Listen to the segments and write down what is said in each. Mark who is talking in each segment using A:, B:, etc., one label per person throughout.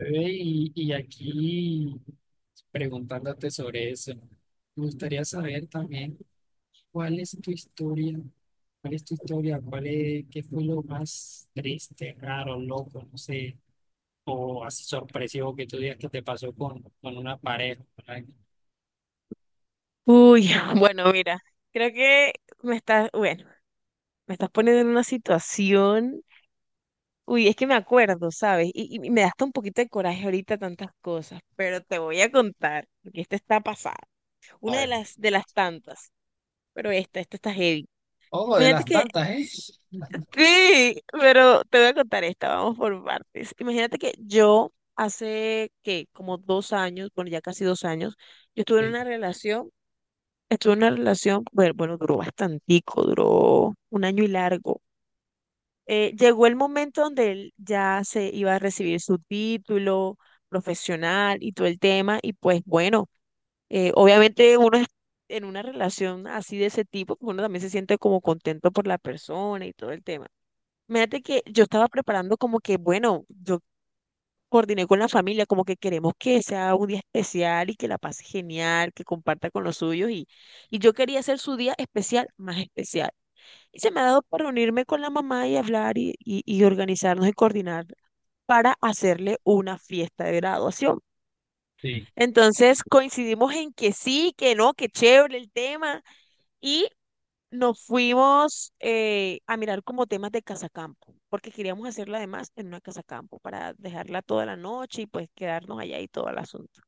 A: Y aquí, preguntándote sobre eso, me gustaría saber también cuál es tu historia, cuál es, qué fue lo más triste, raro, loco, no sé, o así sorpresivo que tú digas que te pasó con una pareja, con alguien.
B: Uy, bueno, mira, creo que me estás, bueno, me estás poniendo en una situación. Uy, es que me acuerdo, ¿sabes? Y me da hasta un poquito de coraje ahorita tantas cosas, pero te voy a contar, porque esta está pasada.
A: A
B: Una de
A: ver.
B: las tantas, pero esta está heavy.
A: Oh, de
B: Imagínate
A: las
B: que,
A: tantas, ¿eh?
B: sí, pero te voy a contar esta, vamos por partes. Imagínate que yo hace, que como 2 años, bueno, ya casi 2 años, yo estuve en
A: Sí,
B: una relación, estuve en una relación, bueno, bueno, duró bastantico, duró un año y largo. Llegó el momento donde él ya se iba a recibir su título profesional y todo el tema, y pues bueno, obviamente en una relación así de ese tipo, pues uno también se siente como contento por la persona y todo el tema. Fíjate que yo estaba preparando como que, bueno, yo coordiné con la familia, como que queremos que sea un día especial y que la pase genial, que comparta con los suyos, y yo quería hacer su día especial más especial. Y se me ha dado por reunirme con la mamá y hablar y organizarnos y coordinar para hacerle una fiesta de graduación.
A: sí,
B: Entonces coincidimos en que sí, que no, que chévere el tema y nos fuimos a mirar como temas de casacampo, porque queríamos hacerla además en una casacampo para dejarla toda la noche y pues quedarnos allá y todo el asunto.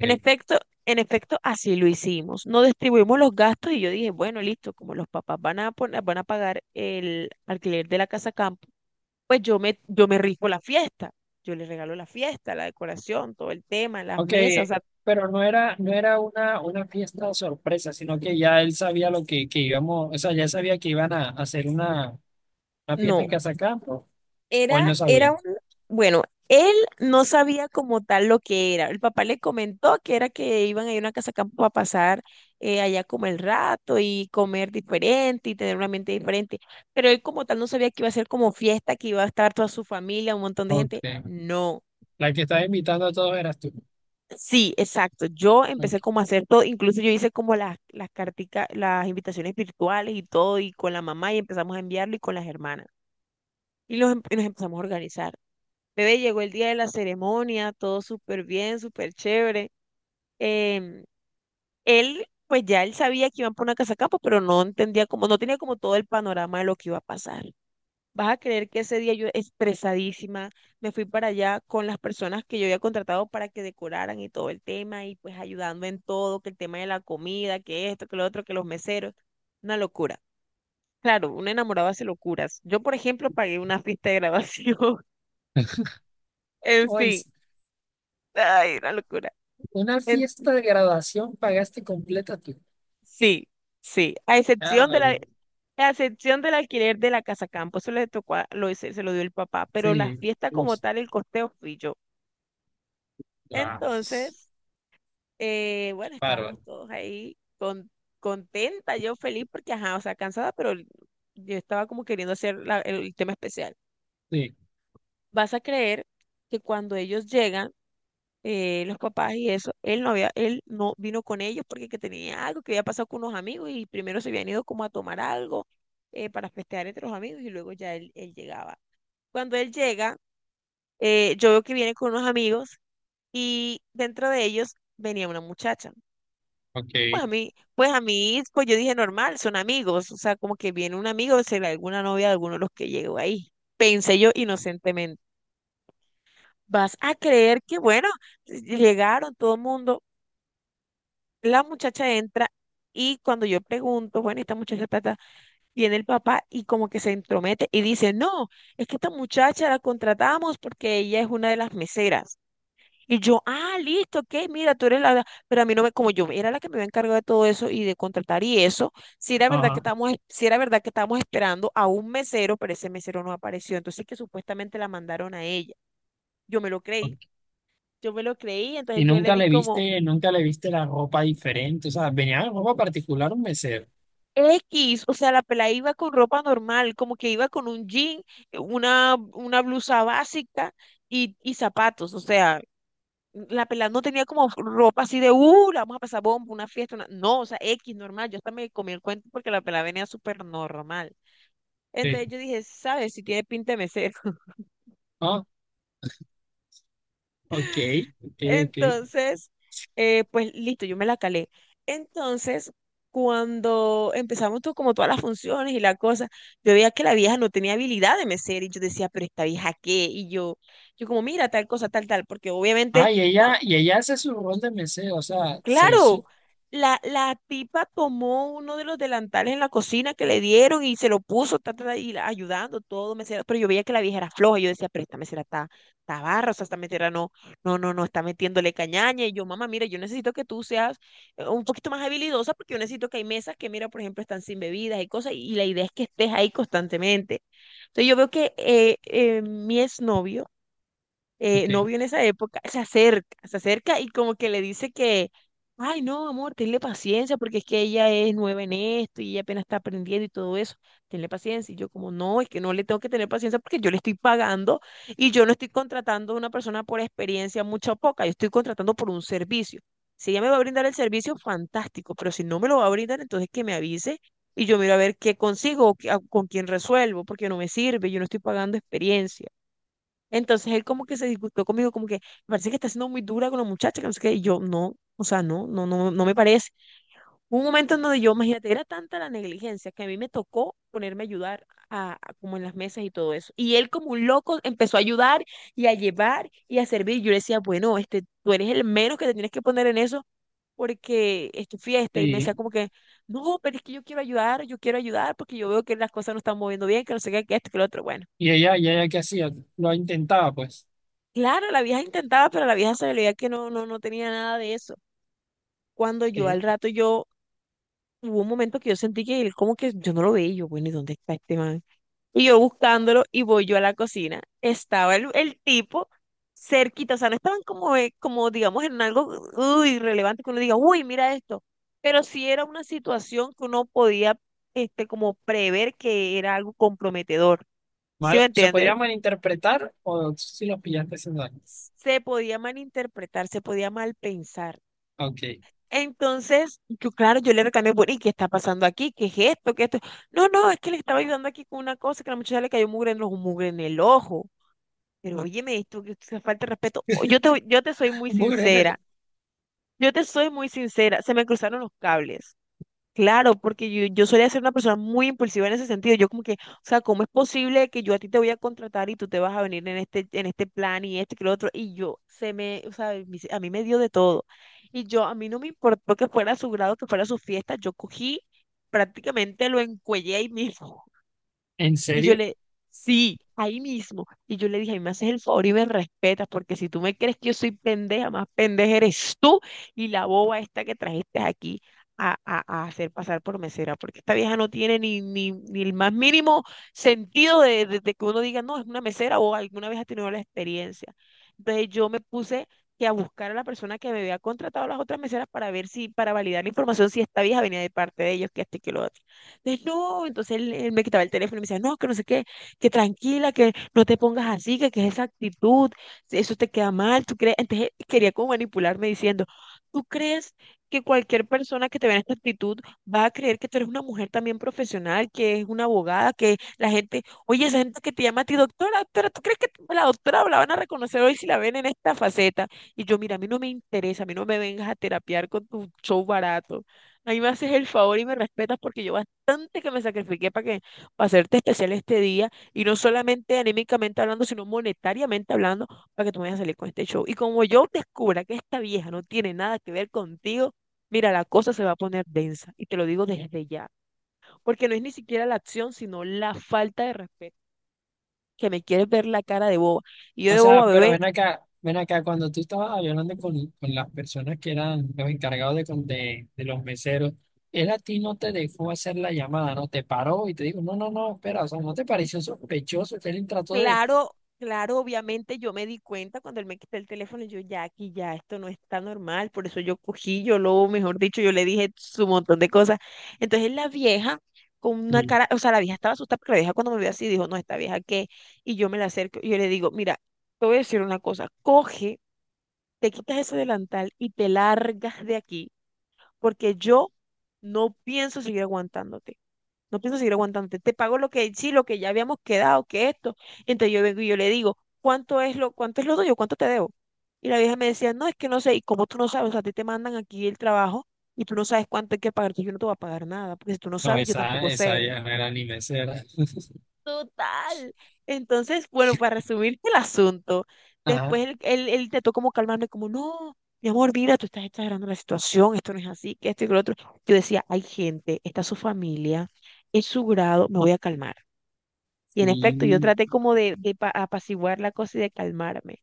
B: En efecto, en efecto, así lo hicimos. No distribuimos los gastos y yo dije, bueno, listo, como los papás van a poner, van a pagar el alquiler de la casa campo, pues yo me rifo la fiesta. Yo les regalo la fiesta, la decoración, todo el tema, las
A: Ok,
B: mesas, o sea,
A: pero no era una fiesta sorpresa, sino que ya él sabía que íbamos, o sea, ya sabía que iban a hacer una fiesta
B: no,
A: en Casa Campo, o él no
B: Era
A: sabía.
B: un, bueno, él no sabía como tal lo que era. El papá le comentó que era que iban a ir a una casa campo a pasar allá como el rato y comer diferente y tener una mente diferente. Pero él como tal no sabía que iba a ser como fiesta, que iba a estar toda su familia, un montón de
A: Ok,
B: gente. No.
A: la que estaba invitando a todos eras tú.
B: Sí, exacto. Yo empecé
A: Ok.
B: como a hacer todo, incluso yo hice como las carticas, las invitaciones virtuales y todo, y con la mamá y empezamos a enviarlo y con las hermanas. Y nos empezamos a organizar. Bebé, llegó el día de la ceremonia, todo súper bien, súper chévere. Em, Él, pues ya él sabía que iban por una casa campo, pero no entendía como, no tenía como todo el panorama de lo que iba a pasar. Vas a creer que ese día yo expresadísima me fui para allá con las personas que yo había contratado para que decoraran y todo el tema y pues ayudando en todo, que el tema de la comida, que esto, que lo otro, que los meseros, una locura. Claro, un enamorado hace locuras. Yo, por ejemplo, pagué una fiesta de grabación. En
A: Oye,
B: fin, ay, una locura.
A: una fiesta de graduación pagaste completa tú.
B: Sí, sí, a
A: Ah,
B: excepción de la, a excepción del alquiler de la casa campo, eso le tocó, lo dio el papá, pero la
A: sí,
B: fiesta como
A: pues,
B: tal, el costeo fui yo.
A: ah,
B: Entonces, bueno, estábamos
A: bárbaro.
B: todos ahí con, contenta, yo feliz porque, ajá, o sea, cansada, pero yo estaba como queriendo hacer el tema especial.
A: Sí.
B: Vas a creer que cuando ellos llegan, los papás y eso, él no había, él no vino con ellos porque que tenía algo que había pasado con unos amigos y primero se habían ido como a tomar algo para festejar entre los amigos y luego ya él llegaba. Cuando él llega, yo veo que viene con unos amigos y dentro de ellos venía una muchacha.
A: Ok.
B: Pues yo dije normal, son amigos, o sea, como que viene un amigo, será alguna novia de alguno de los que llegó ahí, pensé yo inocentemente. Vas a creer que, bueno, llegaron todo el mundo. La muchacha entra y cuando yo pregunto, bueno, esta muchacha ta, viene el papá y como que se entromete y dice, no, es que esta muchacha la contratamos porque ella es una de las meseras. Y yo, ah, listo, ok, mira, tú eres la, pero a mí no me, como yo era la que me había encargado de todo eso y de contratar y eso, si era verdad que
A: Ajá.
B: estábamos, si era verdad que estábamos esperando a un mesero, pero ese mesero no apareció, entonces que supuestamente la mandaron a ella. Yo me lo creí,
A: Ok.
B: yo me lo creí, entonces
A: Y
B: yo le
A: nunca
B: di
A: le
B: como
A: viste, nunca le viste la ropa diferente. O sea, venía en ropa particular un mesero.
B: X, o sea, la pelada iba con ropa normal, como que iba con un jean, una blusa básica y zapatos, o sea, la pelada no tenía como ropa así de, la vamos a pasar bomba, una fiesta, una-". No, o sea, X normal, yo hasta me comí el cuento porque la pelada venía súper normal.
A: Sí.
B: Entonces yo dije, ¿sabes? Si tiene pinta de mesera.
A: Ah, ok, ok.
B: Entonces, pues listo, yo me la calé. Entonces, cuando empezamos todo, como todas las funciones y la cosa, yo veía que la vieja no tenía habilidad de mesera y yo decía, pero esta vieja qué, y yo como, mira, tal cosa, tal, tal, porque obviamente.
A: Ah, y ella hace su rol de mesero, o sea, se hizo.
B: Claro, la tipa tomó uno de los delantales en la cocina que le dieron y se lo puso, ta, ta, ta, y la- ayudando todo, mesera, pero yo veía que la vieja era floja, yo decía, pero esta mesera está barra, o sea, esta mesera no, no, no, no, está metiéndole cañaña, y yo, mamá, mira, yo necesito que tú seas un poquito más habilidosa, porque yo necesito que hay mesas que, mira, por ejemplo, están sin bebidas y cosas, y la idea es que estés ahí constantemente. Entonces yo veo que mi exnovio, novio
A: Ok.
B: en esa época, se acerca y como que le dice que, ay, no, amor, tenle paciencia porque es que ella es nueva en esto y ella apenas está aprendiendo y todo eso, tenle paciencia. Y yo como, no, es que no le tengo que tener paciencia porque yo le estoy pagando y yo no estoy contratando a una persona por experiencia mucha o poca, yo estoy contratando por un servicio. Si ella me va a brindar el servicio, fantástico, pero si no me lo va a brindar, entonces que me avise. Y yo miro a ver qué consigo, con quién resuelvo, porque no me sirve, yo no estoy pagando experiencia. Entonces él como que se disgustó conmigo, como que me parece que está siendo muy dura con la muchacha, que no sé qué, y yo no, o sea, no, no, no, no me parece. Hubo un momento en donde yo, imagínate, era tanta la negligencia que a mí me tocó ponerme a ayudar como en las mesas y todo eso. Y él como un loco empezó a ayudar y a llevar y a servir. Yo le decía, bueno, este, tú eres el menos que te tienes que poner en eso porque es tu fiesta. Y me
A: Sí.
B: decía como que, no, pero es que yo quiero ayudar porque yo veo que las cosas no están moviendo bien, que no sé qué, que esto, que lo otro. Bueno.
A: Y ella qué hacía, lo intentaba, pues.
B: Claro, la vieja intentaba, pero la vieja se veía que no, no, no tenía nada de eso. Cuando yo al
A: Ok.
B: rato, yo, hubo un momento que yo sentí que él como que yo no lo veía, y yo, bueno, ¿y dónde está este man? Y yo buscándolo y voy yo a la cocina. Estaba el tipo cerquita, o sea, no estaban como, como digamos, en algo uy, relevante que uno diga, uy, mira esto. Pero sí era una situación que uno podía, este, como prever que era algo comprometedor. ¿Sí me
A: ¿Se podía
B: entiendes?
A: malinterpretar o si los pillaste haciendo algo?
B: Se podía malinterpretar, se podía mal pensar.
A: Ok.
B: Entonces, yo, claro, yo le reclamé, bueno, ¿y qué está pasando aquí? ¿Qué es esto? ¿Qué es esto? No, no, es que le estaba ayudando aquí con una cosa que a la muchacha le cayó mugre en los mugre en el ojo. Pero óyeme, esto que esto es falta de respeto. O- Yo te soy muy
A: Bueno, ¿en
B: sincera. Yo te soy muy sincera. Se me cruzaron los cables. Claro, porque yo solía ser una persona muy impulsiva en ese sentido. Yo como que, o sea, ¿cómo es posible que yo a ti te voy a contratar y tú te vas a venir en este, plan y este que lo otro? Y yo se me, o sea, a mí me dio de todo. Y yo, a mí no me importó que fuera su grado, que fuera su fiesta, yo cogí, prácticamente lo encuellé ahí mismo. Y yo
A: serio?
B: le, sí, ahí mismo. Y yo le dije, a mí me haces el favor y me respetas, porque si tú me crees que yo soy pendeja, más pendeja eres tú y la boba esta que trajiste aquí a hacer pasar por mesera, porque esta vieja no tiene ni el más mínimo sentido de que uno diga, no, es una mesera o alguna vez ha tenido la experiencia. Entonces yo me puse que a buscar a la persona que me había contratado las otras meseras para ver si, para validar la información, si esta vieja venía de parte de ellos, que este y que lo otro. Entonces, no, entonces él me quitaba el teléfono y me decía, no, que no sé qué, que tranquila, que no te pongas así, que esa actitud, eso te queda mal, tú crees. Entonces él quería como manipularme diciendo, ¿tú crees que cualquier persona que te vea en esta actitud va a creer que tú eres una mujer también profesional, que es una abogada, que la gente, oye, esa gente que te llama a ti doctora, doctora, ¿tú crees que la doctora la van a reconocer hoy si la ven en esta faceta? Y yo, mira, a mí no me interesa, a mí no me vengas a terapiar con tu show barato. A mí me haces el favor y me respetas, porque yo bastante que me sacrifiqué para que, para hacerte especial este día, y no solamente anímicamente hablando, sino monetariamente hablando, para que tú me vayas a salir con este show. Y como yo descubra que esta vieja no tiene nada que ver contigo, mira, la cosa se va a poner densa, y te lo digo desde ya, porque no es ni siquiera la acción, sino la falta de respeto, que me quieres ver la cara de boba. Y yo
A: O
B: de
A: sea,
B: boba,
A: pero
B: bebé.
A: ven acá, cuando tú estabas hablando con las personas que eran los encargados de de los meseros, él a ti no te dejó hacer la llamada, ¿no? Te paró y te dijo, no, no, no, espera, o sea, ¿no te pareció sospechoso que él trató de...?
B: Claro, claro, obviamente yo me di cuenta cuando él me quitó el teléfono. Yo ya, aquí ya esto no está normal, por eso yo cogí, yo lo, mejor dicho, yo le dije su montón de cosas. Entonces la vieja, con una
A: Sí.
B: cara, o sea, la vieja estaba asustada, porque la vieja cuando me vio así dijo, no, esta vieja qué. Y yo me la acerco y yo le digo, mira, te voy a decir una cosa, coge, te quitas ese delantal y te largas de aquí, porque yo no pienso seguir aguantándote. No pienso seguir aguantándote. Te pago lo que sí, lo que ya habíamos quedado, que esto. Entonces yo vengo y yo le digo, cuánto es lo tuyo? ¿Cuánto te debo? Y la vieja me decía, no, es que no sé. ¿Y como tú no sabes? O sea, a ti te mandan aquí el trabajo y tú no sabes cuánto hay que pagar. Entonces yo no te voy a pagar nada, porque si tú no
A: No,
B: sabes, yo
A: esa,
B: tampoco
A: esa
B: sé.
A: ya no era ni mesera.
B: Total. Entonces, bueno, para resumir el asunto,
A: Ajá.
B: después él intentó como calmarme, como, no, mi amor, mira, tú estás exagerando la situación, esto no es así, que esto y que lo otro. Yo decía, hay gente, está su familia, es su grado, me voy a calmar. Y en efecto, yo
A: Sí.
B: traté como de, apaciguar la cosa y de calmarme.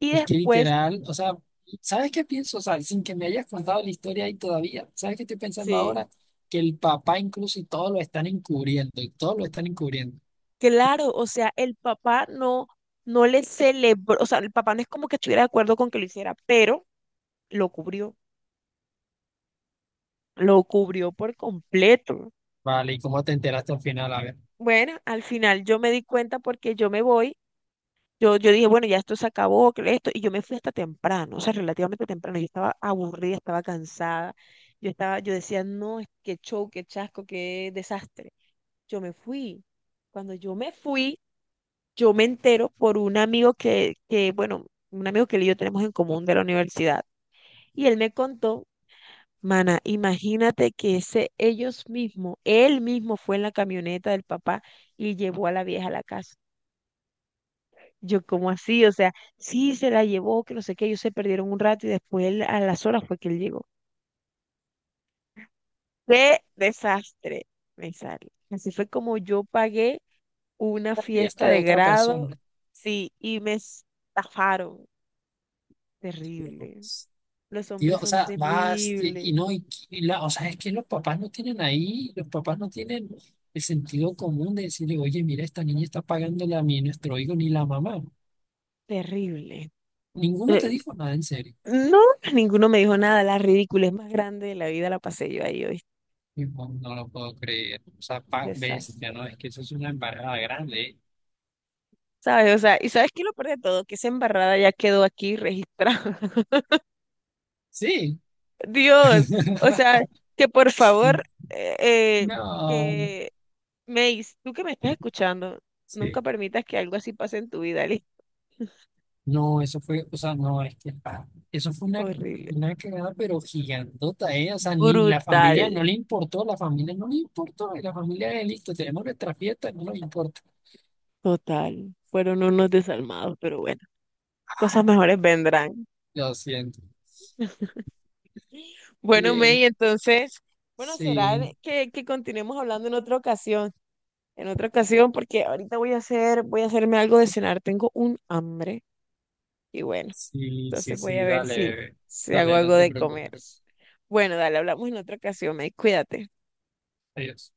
B: Y
A: Es que
B: después,
A: literal, o sea, ¿sabes qué pienso? O sea, sin que me hayas contado la historia ahí todavía, ¿sabes qué estoy pensando
B: sí,
A: ahora? Que el papá incluso y todo lo están encubriendo, y todo lo están encubriendo.
B: claro, o sea, el papá no, no le celebró, o sea, el papá no es como que estuviera de acuerdo con que lo hiciera, pero lo cubrió, lo cubrió por completo.
A: Vale, ¿y cómo te enteraste al final? A ver,
B: Bueno, al final yo me di cuenta porque yo me voy, yo dije, bueno, ya esto se acabó, que esto, y yo me fui hasta temprano, o sea, relativamente temprano, yo estaba aburrida, estaba cansada, yo estaba, yo decía, no, es que show, qué chasco, qué desastre. Yo me fui. Cuando yo me fui, yo me entero por un amigo que, un amigo que él y yo tenemos en común de la universidad. Y él me contó, mana, imagínate que ese ellos mismos, él mismo fue en la camioneta del papá y llevó a la vieja a la casa. Yo, ¿cómo así? O sea, sí se la llevó, que no sé qué, ellos se perdieron un rato y después a las horas fue que él llegó. ¡Qué desastre! Me sale. Así fue como yo pagué una
A: la
B: fiesta
A: fiesta de
B: de
A: otra persona.
B: grado, sí, y me estafaron.
A: Tío.
B: Terrible. Los
A: Tío,
B: hombres
A: o
B: son
A: sea, y
B: terribles,
A: no, y la, o sea, es que los papás no tienen ahí, los papás no tienen el sentido común de decirle, oye, mira, esta niña está pagándole a mí, nuestro hijo, ni la mamá.
B: terrible.
A: Ninguno te
B: Eh,
A: dijo nada, en serio.
B: No, ninguno me dijo nada. La ridiculez más grande de la vida la pasé yo ahí hoy.
A: Tipo, no lo puedo creer. O sea, pa bestia,
B: Desastre.
A: ¿no? Es que eso es una embarrada grande, ¿eh?
B: ¿Sabes? O sea, ¿y sabes qué es lo peor de todo? Que esa embarrada ya quedó aquí registrada.
A: Sí.
B: Dios, o sea, que por favor, eh, eh,
A: No.
B: que Mace, tú que me estás escuchando, nunca
A: Sí.
B: permitas que algo así pase en tu vida, ¿listo?
A: No, eso fue, o sea, no, es que pa, eso fue
B: Horrible.
A: una cagada, pero gigantota, ¿eh? O sea, ni
B: Brutal.
A: la familia no le importó, la familia no le importó, y la familia de listo, tenemos nuestra fiesta, no nos importa.
B: Total. Fueron unos desalmados, pero bueno, cosas mejores vendrán.
A: Lo siento.
B: Bueno, May,
A: Oye,
B: entonces, bueno, será
A: sí,
B: que continuemos hablando en otra ocasión, porque ahorita voy a hacer, voy a hacerme algo de cenar, tengo un hambre. Y bueno,
A: sí,
B: entonces voy
A: sí,
B: a ver
A: dale,
B: si,
A: bebé.
B: si hago
A: Dale, no
B: algo
A: te
B: de comer.
A: preocupes.
B: Bueno, dale, hablamos en otra ocasión, May, cuídate.
A: Adiós.